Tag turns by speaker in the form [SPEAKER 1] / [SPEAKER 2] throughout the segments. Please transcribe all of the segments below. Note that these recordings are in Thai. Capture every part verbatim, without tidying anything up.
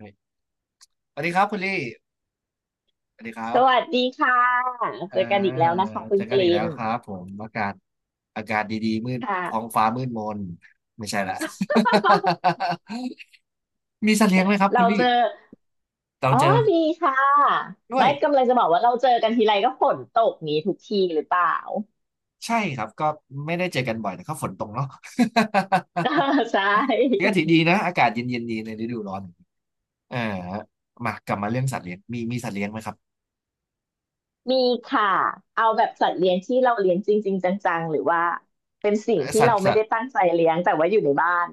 [SPEAKER 1] สวัสดีครับคุณลี่สวัสดีครั
[SPEAKER 2] ส
[SPEAKER 1] บ
[SPEAKER 2] วัสดีค่ะ
[SPEAKER 1] อ่า
[SPEAKER 2] เจอกันอีกแล้วนะคะคุ
[SPEAKER 1] เจ
[SPEAKER 2] ณ
[SPEAKER 1] อ
[SPEAKER 2] ก
[SPEAKER 1] กันอีก
[SPEAKER 2] ลิ
[SPEAKER 1] แล้
[SPEAKER 2] น
[SPEAKER 1] วครับผมอากาศอากาศดีๆมืด
[SPEAKER 2] ค่ะ
[SPEAKER 1] ท้องฟ้ามืดมนไม่ใช่ละ มีสัตว์เลี้ยงไหมครับคุ
[SPEAKER 2] เรา
[SPEAKER 1] ณลี่
[SPEAKER 2] เจอ
[SPEAKER 1] เรา
[SPEAKER 2] อ๋อ
[SPEAKER 1] เจอ
[SPEAKER 2] ดีค่ะ
[SPEAKER 1] ด้ว
[SPEAKER 2] ไม่
[SPEAKER 1] ย
[SPEAKER 2] กำลังจะบอกว่าเราเจอกันทีไรก็ฝนตกนี้ทุกทีหรือเปล่า
[SPEAKER 1] ใช่ครับก็ไม่ได้เจอกันบ่อยแต่ก็ฝนตกเนาะ
[SPEAKER 2] ใช่
[SPEAKER 1] ก็ถือดีนะอากาศเย็นๆดีในฤดูร้อนเอ่ามากลับมาเรื่องสัตว์เลี้ยงมีมีสัตว์เลี้ยงไหมครับ
[SPEAKER 2] มีค่ะเอาแบบสัตว์เลี้ยงที่เราเลี้ยงจริงๆจังๆหรือว่าเป็นสิ่ง
[SPEAKER 1] เอ่อ
[SPEAKER 2] ที่
[SPEAKER 1] สัต
[SPEAKER 2] เรา
[SPEAKER 1] ว์
[SPEAKER 2] ไม่
[SPEAKER 1] สัต
[SPEAKER 2] ได้
[SPEAKER 1] ว์
[SPEAKER 2] ตั้งใจเลี้ยงแต่ว่าอยู่ในบ้าน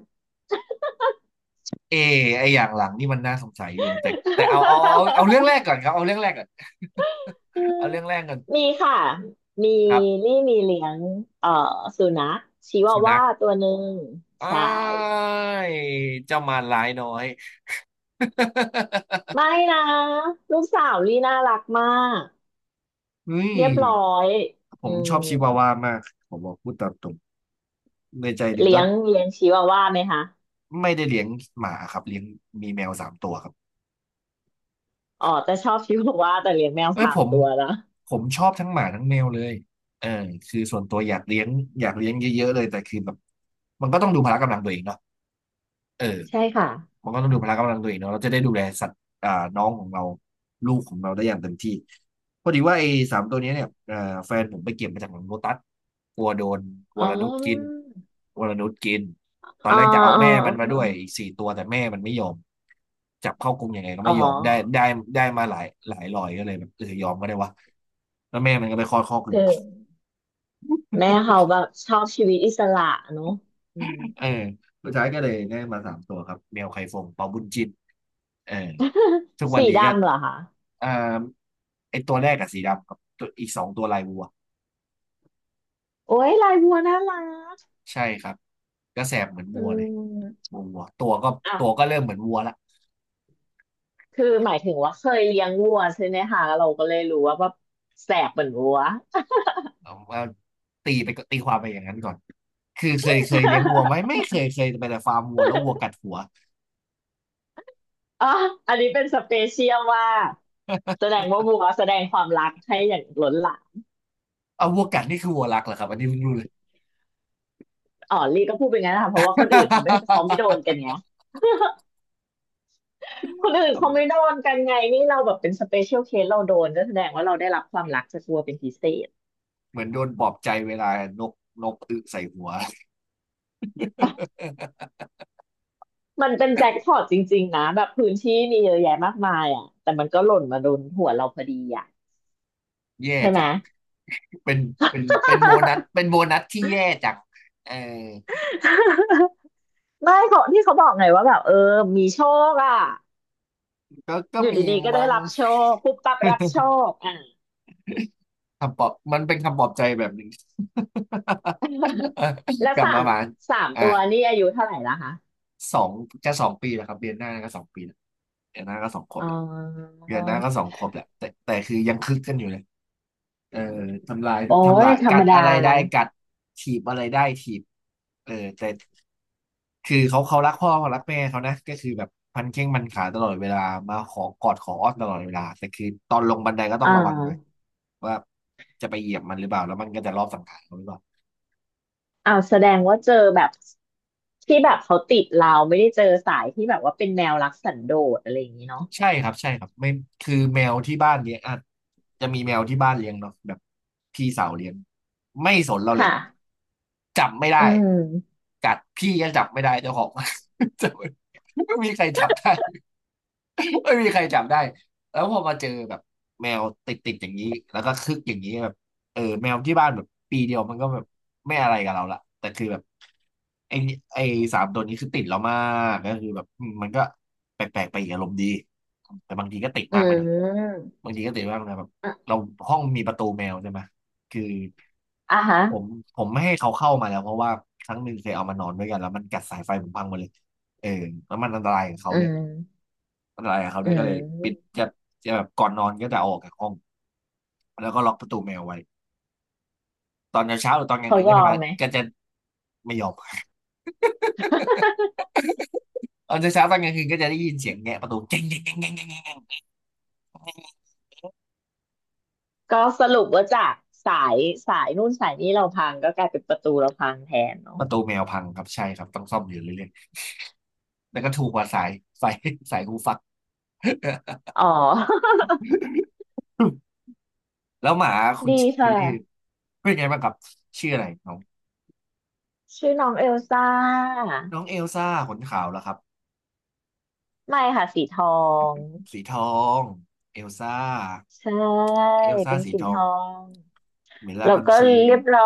[SPEAKER 1] เอไออย่างหลังนี่มันน่าสงสัยอยู่แต่แต่เอาเอาเอาเอาเรื่องแรก ก่อนครับเอาเรื่องแรกก่อน
[SPEAKER 2] อื ม
[SPEAKER 1] เอาเรื่องแรกก่อน
[SPEAKER 2] มีค่ะมี
[SPEAKER 1] ครับ
[SPEAKER 2] นี่มีเลี้ยงเอ่อสุนัขชิวา
[SPEAKER 1] สุนั
[SPEAKER 2] ว่า
[SPEAKER 1] ข
[SPEAKER 2] ตัวหนึ่ง
[SPEAKER 1] อ้า
[SPEAKER 2] ใช่
[SPEAKER 1] ยเจ้ามารร้ายน้อย
[SPEAKER 2] ไม่นะลูกสาวลี่น่ารักมาก
[SPEAKER 1] เฮ้ย
[SPEAKER 2] เรียบร้อย
[SPEAKER 1] ผ
[SPEAKER 2] อื
[SPEAKER 1] มช
[SPEAKER 2] ม
[SPEAKER 1] อบชิวาวามากผมบอกพูดตามตรงในใจหนึ่ง
[SPEAKER 2] เลี้
[SPEAKER 1] ก็
[SPEAKER 2] ยงเลี้ยงชิวาว่าไหมคะ
[SPEAKER 1] ไม่ได้เลี้ยงหมาครับเลี้ยงมีแมวสามตัวครับ
[SPEAKER 2] อ๋อแต่ชอบชิวาว่าแต่เลี้ยงแมว
[SPEAKER 1] เอ้ย
[SPEAKER 2] สา
[SPEAKER 1] ผ
[SPEAKER 2] ม
[SPEAKER 1] ม
[SPEAKER 2] ตัวนะ
[SPEAKER 1] ผมชอบทั้งหมาทั้งแมวเลยเออคือส่วนตัวอยากเลี้ยงอยากเลี้ยงเยอะๆเลยแต่คือแบบมันก็ต้องดูพละกำลังตัวเองเนาะเออ
[SPEAKER 2] ใช่ค่ะ
[SPEAKER 1] มันก็ต้องดูพละกำลังตัวเองเนาะเราจะได้ดูแลสัตว์อ่าน้องของเราลูกของเราได้อย่างเต็มที่พอดีว่าไอ้สามตัวเนี้ยเนี่ยเอ่อแฟนผมไปเก็บมาจากหลังโลตัสกลัวโดนว
[SPEAKER 2] อ๋อ
[SPEAKER 1] รนุชกินวรนุชกินตอน
[SPEAKER 2] อ๋อ
[SPEAKER 1] แรกจะเอา
[SPEAKER 2] อ๋อ
[SPEAKER 1] แม่มั
[SPEAKER 2] อ๋
[SPEAKER 1] นมาด้วยอีก
[SPEAKER 2] อ
[SPEAKER 1] สี่ตัวแต่แม่มันไม่ยอมจับเข้ากรงยังไงก็
[SPEAKER 2] อ๋อ
[SPEAKER 1] ไม่ยอมได้ได้ได้มาหลายหลายรอยก็เลยแบบเออยอมก็ได้วะแล้วแม่มันก็ไปคลอดคอกอื่
[SPEAKER 2] คื
[SPEAKER 1] น
[SPEAKER 2] อ
[SPEAKER 1] ต่อ
[SPEAKER 2] แม่เขาแบบชอบชีวิตอิสระเนอะอืม
[SPEAKER 1] เออสุดท้ายก็เลยได้มาสามตัวครับแมวไข่ฟงเปาบุญจินเออทุก วัน
[SPEAKER 2] สี
[SPEAKER 1] นี้ก็
[SPEAKER 2] ดำเหรอคะ
[SPEAKER 1] อ่าไอตัวแรกกับสีดำครับตัวอีกสองตัวลายวัว
[SPEAKER 2] โอ้ยลายบัวน่ารัก
[SPEAKER 1] ใช่ครับก็แสบเหมือน
[SPEAKER 2] อื
[SPEAKER 1] วัวเลย
[SPEAKER 2] ม
[SPEAKER 1] วัววัวตัวก็
[SPEAKER 2] อ่ะ
[SPEAKER 1] ตัวก็เริ่มเหมือนวัวละ
[SPEAKER 2] คือหมายถึงว่าเคยเลี้ยงวัวใช่ไหมคะเราก็เลยรู้ว่าแบบแสบเหมือนวัว
[SPEAKER 1] เอาว่าตีไปก็ตีความไปอย่างนั้นก่อนคือเคยเคยเลี้ยงวัวไหมไม่ เคยเคยไปแต่ฟาร์มวัวแล้ววัวกัดหัว
[SPEAKER 2] อ๋ออันนี้เป็นสเปเชียลว่ากแส ดงว่าบัวแสดงความรักให้อย่างล้นหลาม
[SPEAKER 1] เอาวัวกัดนี่คือวัวรักเหรอครับอันนี้เพิ่งรู้เลย
[SPEAKER 2] อ๋อลี่ก็พูดเป็นงั้นนะคะเพราะว่าคนอื่นเขาไม่เขาไม่โดนกันไงคน อื่น
[SPEAKER 1] เอาแบ
[SPEAKER 2] เขา
[SPEAKER 1] บ
[SPEAKER 2] ไม่โดนกันไงนี่เราแบบเป็นสเปเชียลเคสเราโดนก็แสดงว่าเราได้รับความรักจากบัวเป็นพิเศษ
[SPEAKER 1] เหมือนโดนปลอบใจเวลานกนกอึใส่หัว
[SPEAKER 2] มันเป็นแจ็คพอตจริงๆนะแบบพื้นที่มีเยอะแยะมากมายอ่ะแต่มันก็หล่นมาโดนหัวเราพอดีอ่ะ
[SPEAKER 1] แย่
[SPEAKER 2] ใช่ไหม
[SPEAKER 1] จังเป็นเป็นเป็นโบนัส เป็นโบนัสที่แย่จังเออ
[SPEAKER 2] ไม่เขาที่เขาบอกไงว่าแบบเออมีโชคอ่ะ
[SPEAKER 1] ก็ก็
[SPEAKER 2] อยู่
[SPEAKER 1] มี
[SPEAKER 2] ดีๆก็ได้
[SPEAKER 1] มั้ง
[SPEAKER 2] รับโชคปุ๊บปั๊บรับโชคอ่ะ
[SPEAKER 1] คำปลอบมันเป็นคำปลอบใจแบบหนึ่ง
[SPEAKER 2] แล้ ว
[SPEAKER 1] กลับ
[SPEAKER 2] สา
[SPEAKER 1] มา
[SPEAKER 2] ม
[SPEAKER 1] บ้าน
[SPEAKER 2] สาม
[SPEAKER 1] อ่ะ
[SPEAKER 2] ตัวนี่อายุเท่าไหร่ละคะ
[SPEAKER 1] สอง จะสองปีแล้วครับเดือนหน้าก็สองปีแล้วเดือนหน้าก็สองขวบ
[SPEAKER 2] อ๋อ
[SPEAKER 1] แล้วเดือนหน้าก็สองขวบแล้วแต่แต่คือยังคึกกันอยู่เลยเออทำลาย
[SPEAKER 2] โอ้
[SPEAKER 1] ทำ
[SPEAKER 2] ย
[SPEAKER 1] ลาย
[SPEAKER 2] ธร
[SPEAKER 1] กั
[SPEAKER 2] รม
[SPEAKER 1] ด
[SPEAKER 2] ดา
[SPEAKER 1] อะไรได้กัดถีบอะไรได้ถีบเออแต่ คือเขาเขารักพ่อเขารักแม่เขานะก็คือแบบพันแข้งพันขาตลอดเวลามาขอกอดขออ้อนตลอดเวลาแต่คือตอนลงบันไดก็ต้อง
[SPEAKER 2] อ่า
[SPEAKER 1] ระวังหน่อยว่าจะไปเหยียบมันหรือเปล่าแล้วมันก็จะรอบสังหารเราหรือเปล่า
[SPEAKER 2] อ้าวแสดงว่าเจอแบบที่แบบเขาติดเราไม่ได้เจอสายที่แบบว่าเป็นแนวรักสันโดษอะไรอย่างนี้เนาะ
[SPEAKER 1] ใช่ครับใช่ครับไม่คือแมวที่บ้านเลี้ยงอ่ะจะมีแมวที่บ้านเลี้ยงเนาะแบบพี่สาวเลี้ยงไม่สนเราเลย
[SPEAKER 2] ค่ะ
[SPEAKER 1] จับไม่
[SPEAKER 2] อื
[SPEAKER 1] ได้
[SPEAKER 2] ม
[SPEAKER 1] กัดพี่ก็จับไม่ได้เจ้าของ จับไม่ไม่มีใครจับได้ ไม่มีใครจับได้แล้วพอมาเจอแบบแมวติดติดอย่างนี้แล้วก็คึกอย่างนี้แบบเออแมวที่บ้านแบบปีเดียวมันก็แบบไม่อะไรกับเราละแต่คือแบบไอไอสามตัวนี้คือติดเรามากก็คือแบบอืมมันก็แปลกๆไปอีกอารมณ์ดีแต่บางทีก็ติด
[SPEAKER 2] อื
[SPEAKER 1] มากไปหน่อย
[SPEAKER 2] ม
[SPEAKER 1] บางทีก็ติดมากนะแบบ
[SPEAKER 2] อ่ะ
[SPEAKER 1] เราห้องมีประตูแมวใช่ไหมคือ
[SPEAKER 2] อ่ะฮะ
[SPEAKER 1] ผมผมไม่ให้เขาเข้ามาแล้วเพราะว่าครั้งหนึ่งเคยเอามานอนด้วยกันแล้วมันกัดสายไฟผมพังหมดเลยเออแล้วมันอันตรายกับเขา
[SPEAKER 2] อื
[SPEAKER 1] ด้วย
[SPEAKER 2] ม
[SPEAKER 1] อะไรายกับเขา
[SPEAKER 2] อื
[SPEAKER 1] ได้วยก็เลยปิด
[SPEAKER 2] ม
[SPEAKER 1] จะจะแบบก่อนนอนก็จะเอาออกจากห้องแล้วก็ล็อกประตูแมวไว้ตอนเช้าๆหรือตอนกลาง
[SPEAKER 2] เขา
[SPEAKER 1] คืน
[SPEAKER 2] ย
[SPEAKER 1] ก็
[SPEAKER 2] อ
[SPEAKER 1] จะ
[SPEAKER 2] ม
[SPEAKER 1] มา
[SPEAKER 2] ไหม
[SPEAKER 1] ก็จะไม่ยอม ตอนเช้าๆตอนกลางคืนก็จะได้ยินเสียงแงะประตูเจ๊งเจ๊งเจ๊งเจ๊งเจ๊งเจ๊ง
[SPEAKER 2] ก็สรุปว่าจากสายสายนู่นสายนี้เราพังก็กลายเป็นประตูเราพังแทน
[SPEAKER 1] ป
[SPEAKER 2] เนาะ
[SPEAKER 1] ระตูแมวพังครับใช่ครับต้องซ่อมอยู่เรื่อยๆแล้วก็ถูกกว่าสายสายสายหูฟัก
[SPEAKER 2] อ๋อ
[SPEAKER 1] แล้วหมาคุ ณ
[SPEAKER 2] ดีค
[SPEAKER 1] คุณลี่
[SPEAKER 2] ่ะ
[SPEAKER 1] เป็นไงบ้างครับชื่ออะไรน้อง
[SPEAKER 2] ชื่อน้องเอลซ่า
[SPEAKER 1] น้องเอลซ่าขนขาวแล้วครับ
[SPEAKER 2] ไม่ค่ะสีทอง
[SPEAKER 1] สีทองเอลซ่า
[SPEAKER 2] ใช่
[SPEAKER 1] เอลซ่า
[SPEAKER 2] เป็น
[SPEAKER 1] สี
[SPEAKER 2] สี
[SPEAKER 1] ท
[SPEAKER 2] ท
[SPEAKER 1] อง
[SPEAKER 2] อง
[SPEAKER 1] เมล่า
[SPEAKER 2] แล้ว
[SPEAKER 1] พัน
[SPEAKER 2] ก็
[SPEAKER 1] ชี
[SPEAKER 2] เรียบร้อ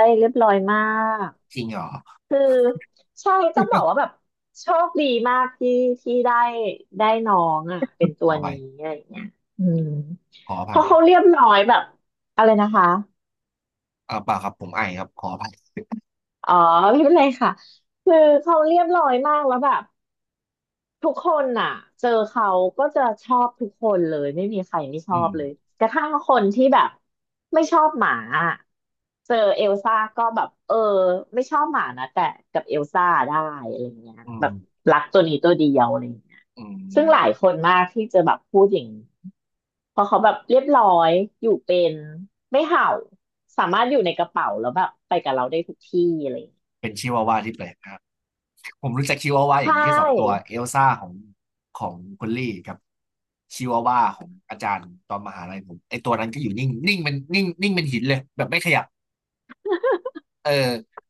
[SPEAKER 2] ยเรียบร้อยมาก
[SPEAKER 1] จริงเหรอ
[SPEAKER 2] คือใช่ต้องบอกว่าแบบโชคดีมากที่ที่ได้ได้น้องอ่ะเป็น
[SPEAKER 1] ข
[SPEAKER 2] ตัว
[SPEAKER 1] อ
[SPEAKER 2] นี้
[SPEAKER 1] ไป
[SPEAKER 2] อะไรอย่างเงี้ยอืม
[SPEAKER 1] ขออ
[SPEAKER 2] เพ
[SPEAKER 1] ภัย
[SPEAKER 2] ราะเขาเรียบร้อยแบบอะไรนะคะ
[SPEAKER 1] อ่าเปล่าครับผมไอครับขออภัย
[SPEAKER 2] อ๋อไม่เป็นไรค่ะคือเขาเรียบร้อยมากแล้วแบบทุกคนน่ะเจอเขาก็จะชอบทุกคนเลยไม่มีใครไม่ช
[SPEAKER 1] อื
[SPEAKER 2] อ
[SPEAKER 1] ม
[SPEAKER 2] บเลยกระทั่งคนที่แบบไม่ชอบหมาอะเจอเอลซ่าก็แบบเออไม่ชอบหมานะแต่กับเอลซ่าได้อะไรเงี้ย
[SPEAKER 1] อื
[SPEAKER 2] แบ
[SPEAKER 1] ม
[SPEAKER 2] บรักตัวนี้ตัวเดียวอะไรเงี้ย
[SPEAKER 1] อื
[SPEAKER 2] ซึ่งหลาย
[SPEAKER 1] ม
[SPEAKER 2] คนมากที่จะแบบพูดอย่างนี้เพราะเขาแบบเรียบร้อยอยู่เป็นไม่เห่าสามารถอยู่ในกระเป๋าแล้วแบบไปกับเราได้ทุกที่อะไร
[SPEAKER 1] เป็นชิวาวาที่แปลกนะครับผมรู้จักชิวาวาอ
[SPEAKER 2] ใช
[SPEAKER 1] ย่างนี้แค่สองตัว
[SPEAKER 2] ่
[SPEAKER 1] เอลซ่าของของคุณลี่กับชิวาวาของอาจารย์ตอนมหาลัยผมไอตัวนั้นก็อยู่นิ่งนิ่งเป็นนิ่งนิ่งเป็นหินเลยแบบไม่ขยับเออ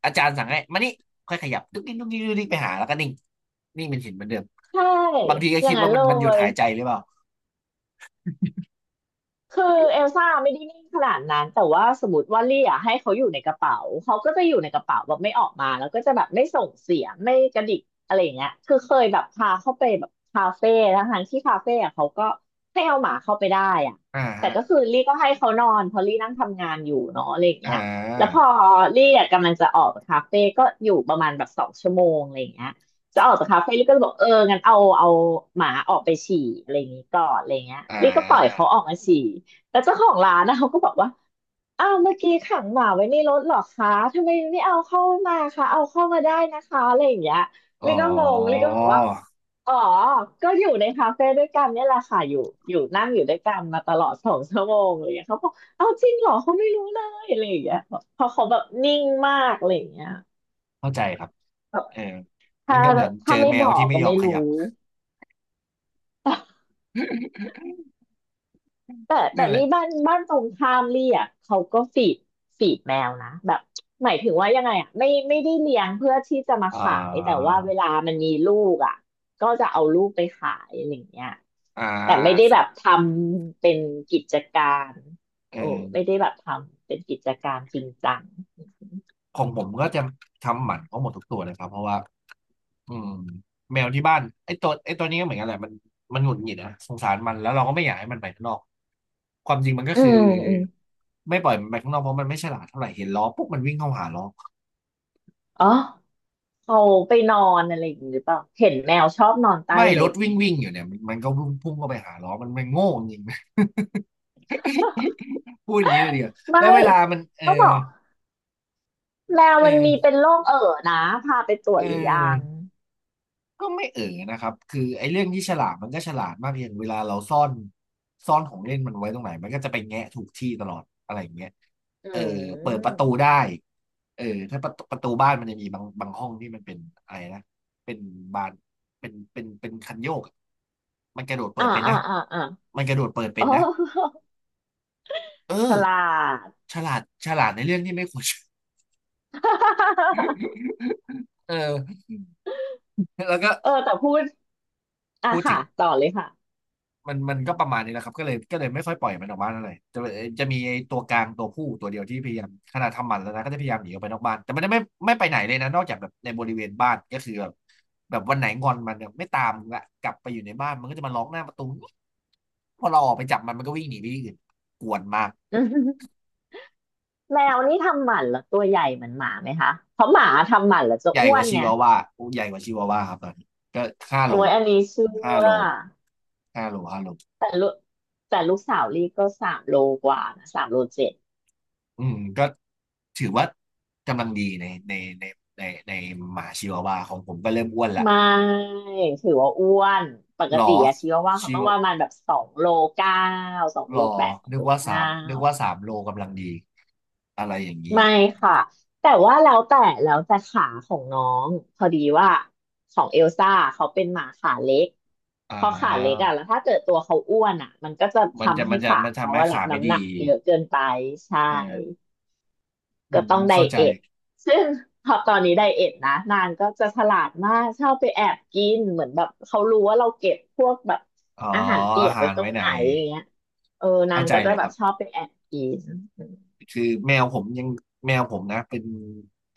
[SPEAKER 1] อาจารย์สั่งให้มานี่ค่อยขยับดุ๊กดิ๊กดุ๊กดิ๊กดุ๊กดิ๊กไปหาแล้วก็นิ่งนิ่งเป็นหินเหมือนเดิม
[SPEAKER 2] ใช่
[SPEAKER 1] บางทีก็
[SPEAKER 2] อย่า
[SPEAKER 1] คิ
[SPEAKER 2] ง
[SPEAKER 1] ด
[SPEAKER 2] นั้
[SPEAKER 1] ว่า
[SPEAKER 2] นเล
[SPEAKER 1] มันมันหยุด
[SPEAKER 2] ย
[SPEAKER 1] หายใจหรือเปล่า
[SPEAKER 2] คือเอลซ่าไม่ได้นิ่งขนาดนั้นแต่ว่าสมมติว่าเรียกให้เขาอยู่ในกระเป๋าเขาก็จะอยู่ในกระเป๋าแบบไม่ออกมาแล้วก็จะแบบไม่ส่งเสียงไม่กระดิกอะไรอย่างเงี้ยคือเคยแบบพาเข้าไปแบบคาเฟ่ทั้งๆที่คาเฟ่อะเขาก็ให้เอาหมาเข้าไปได้อะ
[SPEAKER 1] อ่า
[SPEAKER 2] แต่
[SPEAKER 1] ฮะ
[SPEAKER 2] ก็คือลี่ก็ให้เขานอนเพราะลี่นั่งทำงานอยู่เนาะอะไรอย่าง
[SPEAKER 1] อ่
[SPEAKER 2] เงี้ยแล้วพ
[SPEAKER 1] า
[SPEAKER 2] อลี่อะกำลังจะออกจากคาเฟ่ก็อยู่ประมาณแบบสองชั่วโมงอะไรอย่างเงี้ย จะออกจากคาเฟ่ลิก็จะบอกเอองั้นเอาเอาหมาออกไปฉี่อะไรอย่างนี้ก่อนอะไรเงี้ย
[SPEAKER 1] อ่
[SPEAKER 2] ลิก็ปล่อย
[SPEAKER 1] า
[SPEAKER 2] เขาออกมาฉี่แล้วเจ้าของร้านนะเขาก็บอกว่าอ้าวเมื่อกี้ขังหมาไว้ในรถเหรอคะทำไมไม่เอาเข้ามาคะเอาเข้ามาได้นะคะอะไรอย่างเงี้ยลิ
[SPEAKER 1] อ๋อ
[SPEAKER 2] ก็งงลิก็บอกว่าอ๋อก็อยู่ในคาเฟ่ด้วยกันเนี่ยแหละค่ะอยู่อยู่นั่งอยู่ด้วยกันมาตลอดสองชั่วโมงอะไรอย่างเงี้ยเขาบอกเอาจริงเหรอเขาไม่รู้เลยอะไรอย่างเงี้ยเพราะเขาแบบนิ่งมากอะไรอย่างเงี้ย
[SPEAKER 1] เข้าใจครับ
[SPEAKER 2] แบบ
[SPEAKER 1] เออมั
[SPEAKER 2] ถ้า
[SPEAKER 1] นก็เหมือนเจ
[SPEAKER 2] ถ้า
[SPEAKER 1] อ
[SPEAKER 2] ไม่
[SPEAKER 1] แม
[SPEAKER 2] บ
[SPEAKER 1] ว
[SPEAKER 2] อก
[SPEAKER 1] ที่ไม่
[SPEAKER 2] ก็
[SPEAKER 1] ยอ
[SPEAKER 2] ไม่
[SPEAKER 1] มข
[SPEAKER 2] รู้
[SPEAKER 1] ยับ
[SPEAKER 2] แต่แต่
[SPEAKER 1] นั่นแหละ
[SPEAKER 2] นี่บ้านบ้านตรงข้ามลี่อ่ะเขาก็ฟีดฟีดแมวนะแบบหมายถึงว่ายังไงอ่ะไม่ไม่ได้เลี้ยงเพื่อที่จะมา
[SPEAKER 1] อ่า
[SPEAKER 2] ขายแต่ว่าเวลามันมีลูกอ่ะก็จะเอาลูกไปขายอะไรอย่างเงี้ย
[SPEAKER 1] อ่า
[SPEAKER 2] แต่ไม่ได้
[SPEAKER 1] สุ
[SPEAKER 2] แบ
[SPEAKER 1] ด
[SPEAKER 2] บทำเป็นกิจการ
[SPEAKER 1] เอ
[SPEAKER 2] โอ้
[SPEAKER 1] อ
[SPEAKER 2] ไม่ได้แบบทำเป็นกิจการจริงจัง
[SPEAKER 1] ของผมก็จะทำหมันเขาหมดทุกตัวเลยครับเพราะว่าอืมแมวที่บ้านไอ้ตัวไอ้ตัวนี้ก็เหมือนกันแหละมันมันหงุดหงิดนะสงสารมันแล้วเราก็ไม่อยากให้มันไปข้างนอกความจริงมันก็
[SPEAKER 2] อื
[SPEAKER 1] คือ
[SPEAKER 2] มอืม
[SPEAKER 1] ไม่ปล่อยมันไปข้างนอกเพราะมันไม่ฉลาดเท่าไหร่เห็นล้อปุ๊บมันวิ่งเข้าหาล้อ
[SPEAKER 2] อ๋อเขาไปนอนอะไรอย่างงี้หรือเปล่าเห็นแมวชอบนอนใต้
[SPEAKER 1] ไม่
[SPEAKER 2] ร
[SPEAKER 1] รถ
[SPEAKER 2] ถไง
[SPEAKER 1] วิ่งวิ่งอยู่เนี่ยมันมันก็พุ่งพุ่งเข้าไปหาล้อมันมันโง่จริง พูดอย่างนี้เลยเดียว
[SPEAKER 2] ไม่
[SPEAKER 1] แล้วเวลามันเออ
[SPEAKER 2] เขาบอก แมว
[SPEAKER 1] เอ
[SPEAKER 2] มันมี
[SPEAKER 1] อ
[SPEAKER 2] เป็นโรคเอ่อนะพาไปตรว
[SPEAKER 1] เอ
[SPEAKER 2] จหรือยัง
[SPEAKER 1] อ ก็ไม่เอ๋อนะครับคือไอ้เรื่องที่ฉลาดมันก็ฉลาดมากเพียางเวลาเราซ่อนซ่อนของเล่นมันไว้ตรงไหนมันก็จะไปแงะถูกที่ตลอดอะไรอย่างเงี้ย
[SPEAKER 2] อื
[SPEAKER 1] เออเปิดประ
[SPEAKER 2] ม
[SPEAKER 1] ตูได้เออถ้าประตูประตูบ้านมันจะมีบางบางห้องที่มันเป็นอะไรนะ เป็นบานเป็นเป็นเป็นคันโยกอะมันกระโดดเปิ
[SPEAKER 2] อ่า
[SPEAKER 1] ดเป็น
[SPEAKER 2] อ่า
[SPEAKER 1] นะ
[SPEAKER 2] อ่าอ่า
[SPEAKER 1] มันกระโดดเปิดเป็
[SPEAKER 2] โอ้
[SPEAKER 1] นนะเอ
[SPEAKER 2] ฉ
[SPEAKER 1] อ
[SPEAKER 2] ลาด
[SPEAKER 1] ฉลาดฉลาดในเรื่องที่ไม่ควร เออแล้วก็
[SPEAKER 2] เออแต่พูด อ่ะ
[SPEAKER 1] พูดถึ
[SPEAKER 2] ค่ะ
[SPEAKER 1] ง
[SPEAKER 2] ต่อเลยค่ะ
[SPEAKER 1] มันมันก็ประมาณนี้แหละครับก็เลยก็เลยไม่ค่อยปล่อยมันออกบ้านอะไหรจะจะมีไอ้ตัวกลางตัวผู้ตัวเดียวที่พยายามขนาดทำหมันแล้วนะก็จะพยายามหนีออกไปนอกบ้านแต่มันไม่ไม่ไปไหนเลยนะนอกจากแบบในบริเวณบ้านก็คือแบบแบบวันไหนงอนมันเนี่ยไม่ตามละกลับไปอยู่ในบ้านมันก็จะมาร้องหน้าประตูพอเราออกไปจับมันมันก็วิ่งหนีไปที่อื่นกวนมาก
[SPEAKER 2] อืมแมวนี่ทำหมันแล้วตัวใหญ่เหมือนหมาไหมคะ เพราะหมาทำหมันแล้วจะ
[SPEAKER 1] ใหญ่
[SPEAKER 2] อ้
[SPEAKER 1] ก
[SPEAKER 2] ว
[SPEAKER 1] ว่า
[SPEAKER 2] น
[SPEAKER 1] ชิ
[SPEAKER 2] ไง
[SPEAKER 1] วาว่าโอ้ใหญ่กว่าชิวาว่าครับตอนนี้ก็ห้า
[SPEAKER 2] โอ้
[SPEAKER 1] โล
[SPEAKER 2] ยอันนี้เชื่
[SPEAKER 1] ห้า
[SPEAKER 2] อ
[SPEAKER 1] โลห้าโลห้าโล
[SPEAKER 2] แต่ลูกแต่ลูกสาวลี่ก็สามโลกว่านะสามโลเจ็ด
[SPEAKER 1] อืมก็ถือว่ากำลังดีในในในในในหมาชิวาวาของผมก็เริ่มอ้วนละ
[SPEAKER 2] ไม่ถือว่าอ้วนปก
[SPEAKER 1] หร
[SPEAKER 2] ติ
[SPEAKER 1] อ
[SPEAKER 2] อะชีวาว่าเขา
[SPEAKER 1] ชิ
[SPEAKER 2] ต้อ
[SPEAKER 1] ว
[SPEAKER 2] งประมาณแบบสองโลเก้าสอง
[SPEAKER 1] หร
[SPEAKER 2] โล
[SPEAKER 1] อ
[SPEAKER 2] แปดสอง
[SPEAKER 1] นึก
[SPEAKER 2] โล
[SPEAKER 1] ว่าสา
[SPEAKER 2] เก้า
[SPEAKER 1] มนึกว่าสามโลกำลังดีอะไรอย่างนี้
[SPEAKER 2] ไม่ค่ะแต่ว่าแล้วแต่แล้วแต่ขาของน้องพอดีว่าของเอลซ่าเขาเป็นหมาขาเล็ก
[SPEAKER 1] อ่
[SPEAKER 2] พอขาเล็ก
[SPEAKER 1] า
[SPEAKER 2] อะแล้วถ้าเกิดตัวเขาอ้วนอะมันก็จะ
[SPEAKER 1] มันจะ
[SPEAKER 2] ทำให้
[SPEAKER 1] มันจะ
[SPEAKER 2] ขา
[SPEAKER 1] มัน
[SPEAKER 2] เขา
[SPEAKER 1] ทำให้
[SPEAKER 2] อะรั
[SPEAKER 1] ขา
[SPEAKER 2] บ
[SPEAKER 1] ไม่
[SPEAKER 2] น้ำ
[SPEAKER 1] ดี
[SPEAKER 2] หนักเยอะเกินไปใช่
[SPEAKER 1] เอออื
[SPEAKER 2] ก็
[SPEAKER 1] ม
[SPEAKER 2] ต้องได
[SPEAKER 1] เข้าใจ
[SPEAKER 2] เอทซึ่งพอตอนนี้ไดเอทนะนางก็จะฉลาดมากชอบไปแอบกินเหมือนแบบเขารู้ว่าเราเก็บพวกแบบ
[SPEAKER 1] อ๋อ
[SPEAKER 2] อาหารเปี
[SPEAKER 1] อา
[SPEAKER 2] ยก
[SPEAKER 1] หา
[SPEAKER 2] ไว้
[SPEAKER 1] ร
[SPEAKER 2] ตร
[SPEAKER 1] ไว้
[SPEAKER 2] ง
[SPEAKER 1] ไหน
[SPEAKER 2] ไหนอย่างเงี้ยเออนา
[SPEAKER 1] เข้า
[SPEAKER 2] ง
[SPEAKER 1] ใจ
[SPEAKER 2] ก็จะ
[SPEAKER 1] เลย
[SPEAKER 2] แบ
[SPEAKER 1] ค
[SPEAKER 2] บ
[SPEAKER 1] รับ
[SPEAKER 2] ชอบไปแอบกิน
[SPEAKER 1] คือแมวผมยังแมวผมนะเป็น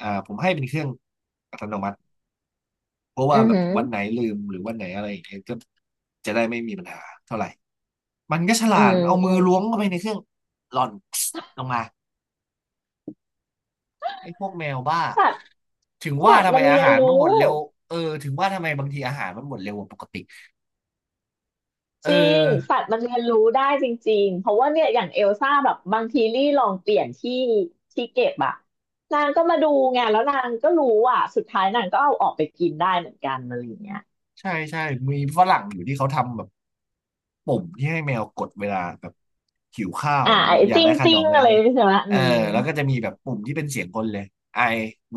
[SPEAKER 1] อ่าผมให้เป็นเครื่องอัตโนมัติ เพราะ
[SPEAKER 2] อื
[SPEAKER 1] ว่า
[SPEAKER 2] อ
[SPEAKER 1] แบบ
[SPEAKER 2] หือ
[SPEAKER 1] วันไหนลืมหรือวันไหนอะไรอย่างเงี้ยก็จะได้ไม่มีปัญหาเท่าไหร่มันก็ฉลา
[SPEAKER 2] อื
[SPEAKER 1] ด
[SPEAKER 2] ม
[SPEAKER 1] มันเอา
[SPEAKER 2] อื
[SPEAKER 1] มือ
[SPEAKER 2] ม
[SPEAKER 1] ล้วงเข้าไปในเครื่องหล่อน ลงมาไอ้พวกแมวบ้า
[SPEAKER 2] สัตว์
[SPEAKER 1] ถึงว่า
[SPEAKER 2] สัตว์
[SPEAKER 1] ทำไม
[SPEAKER 2] มันเรี
[SPEAKER 1] อา
[SPEAKER 2] ยน
[SPEAKER 1] หาร
[SPEAKER 2] รู้
[SPEAKER 1] มันหมดเร็วเออถึงว่าทำไมบางทีอาหารมันหมดเร็วกว่าปกติเอ
[SPEAKER 2] จ
[SPEAKER 1] อ
[SPEAKER 2] ริงสัตว์มันเรียนรู้ได้จริงๆเพราะว่าเนี่ยอย่างเอลซ่าแบบบางทีลี่ลองเปลี่ยนที่ที่เก็บอะนางก็มาดูไงแล้วนางก็รู้อ่ะสุดท้ายนางก็เอาออกไปกินได้เหมือนกันอะไรอย่างเงี้ย
[SPEAKER 1] ใช่ใช่ มีฝรั่งอยู่ที่เขาทำแบบปุ่มที่ให้แมวกดเวลาแบบหิวข้าว
[SPEAKER 2] อ่า
[SPEAKER 1] หรือแบบ
[SPEAKER 2] ไอ้
[SPEAKER 1] อยาก
[SPEAKER 2] จิ้ง
[SPEAKER 1] ได้ขน
[SPEAKER 2] จิ้
[SPEAKER 1] ม
[SPEAKER 2] ง
[SPEAKER 1] อะไร
[SPEAKER 2] อะไร
[SPEAKER 1] เนี่ย
[SPEAKER 2] ใช่ไหมอื
[SPEAKER 1] เออ
[SPEAKER 2] ม
[SPEAKER 1] แล้วก็จะมีแบบปุ่มที่เป็นเสียงคนเลย I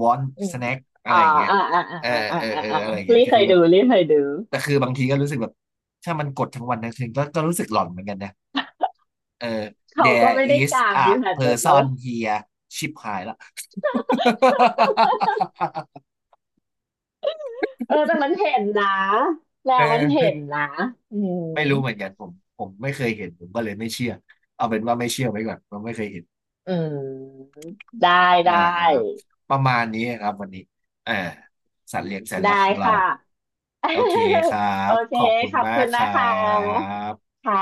[SPEAKER 1] want
[SPEAKER 2] อืม
[SPEAKER 1] snack อะ
[SPEAKER 2] อ่า
[SPEAKER 1] ไรอย่างเงี้ย
[SPEAKER 2] อ่าอ่า
[SPEAKER 1] เออ
[SPEAKER 2] อ่าอ่าอ่า
[SPEAKER 1] เออ
[SPEAKER 2] อ่า
[SPEAKER 1] เออ
[SPEAKER 2] อ่า
[SPEAKER 1] อะไรอย่างเงี้ย
[SPEAKER 2] ลี่
[SPEAKER 1] ก็
[SPEAKER 2] เค
[SPEAKER 1] คื
[SPEAKER 2] ย
[SPEAKER 1] อแบ
[SPEAKER 2] ดู
[SPEAKER 1] บ
[SPEAKER 2] ลี่เคยดู
[SPEAKER 1] แต่คือบางทีก็รู้สึกแบบถ้ามันกดทั้งวันทั้งคืนก็ก็รู้สึกหลอนเหมือนกันนะเออ
[SPEAKER 2] เขาก็
[SPEAKER 1] There
[SPEAKER 2] ไม่ได้
[SPEAKER 1] is
[SPEAKER 2] กาง
[SPEAKER 1] a
[SPEAKER 2] อยู่หันแบบนั้น
[SPEAKER 1] person here ชิบหายละ
[SPEAKER 2] เออแต่มันเห็นนะแล้
[SPEAKER 1] เอ
[SPEAKER 2] วมันเห็น
[SPEAKER 1] อ
[SPEAKER 2] นะอืม
[SPEAKER 1] ไม่รู้เหมือนกันผมผมไม่เคยเห็นผมก็เลยไม่เชื่อเอาเป็นว่าไม่เชื่อไว้ก่อนว่าะไม่เคยเห็น
[SPEAKER 2] อืมได้
[SPEAKER 1] อ่า
[SPEAKER 2] ได้
[SPEAKER 1] ครับประมาณนี้ครับวันนี้อ่าสัตว์เลี้ยงแสน
[SPEAKER 2] ได้
[SPEAKER 1] รักของเรา
[SPEAKER 2] ค่ะ
[SPEAKER 1] โอเคครั
[SPEAKER 2] โอ
[SPEAKER 1] บ
[SPEAKER 2] เค
[SPEAKER 1] ขอบคุณ
[SPEAKER 2] ขอบ
[SPEAKER 1] มา
[SPEAKER 2] คุ
[SPEAKER 1] ก
[SPEAKER 2] ณ
[SPEAKER 1] ค
[SPEAKER 2] นะ
[SPEAKER 1] รั
[SPEAKER 2] คะ
[SPEAKER 1] บ
[SPEAKER 2] ค่ะ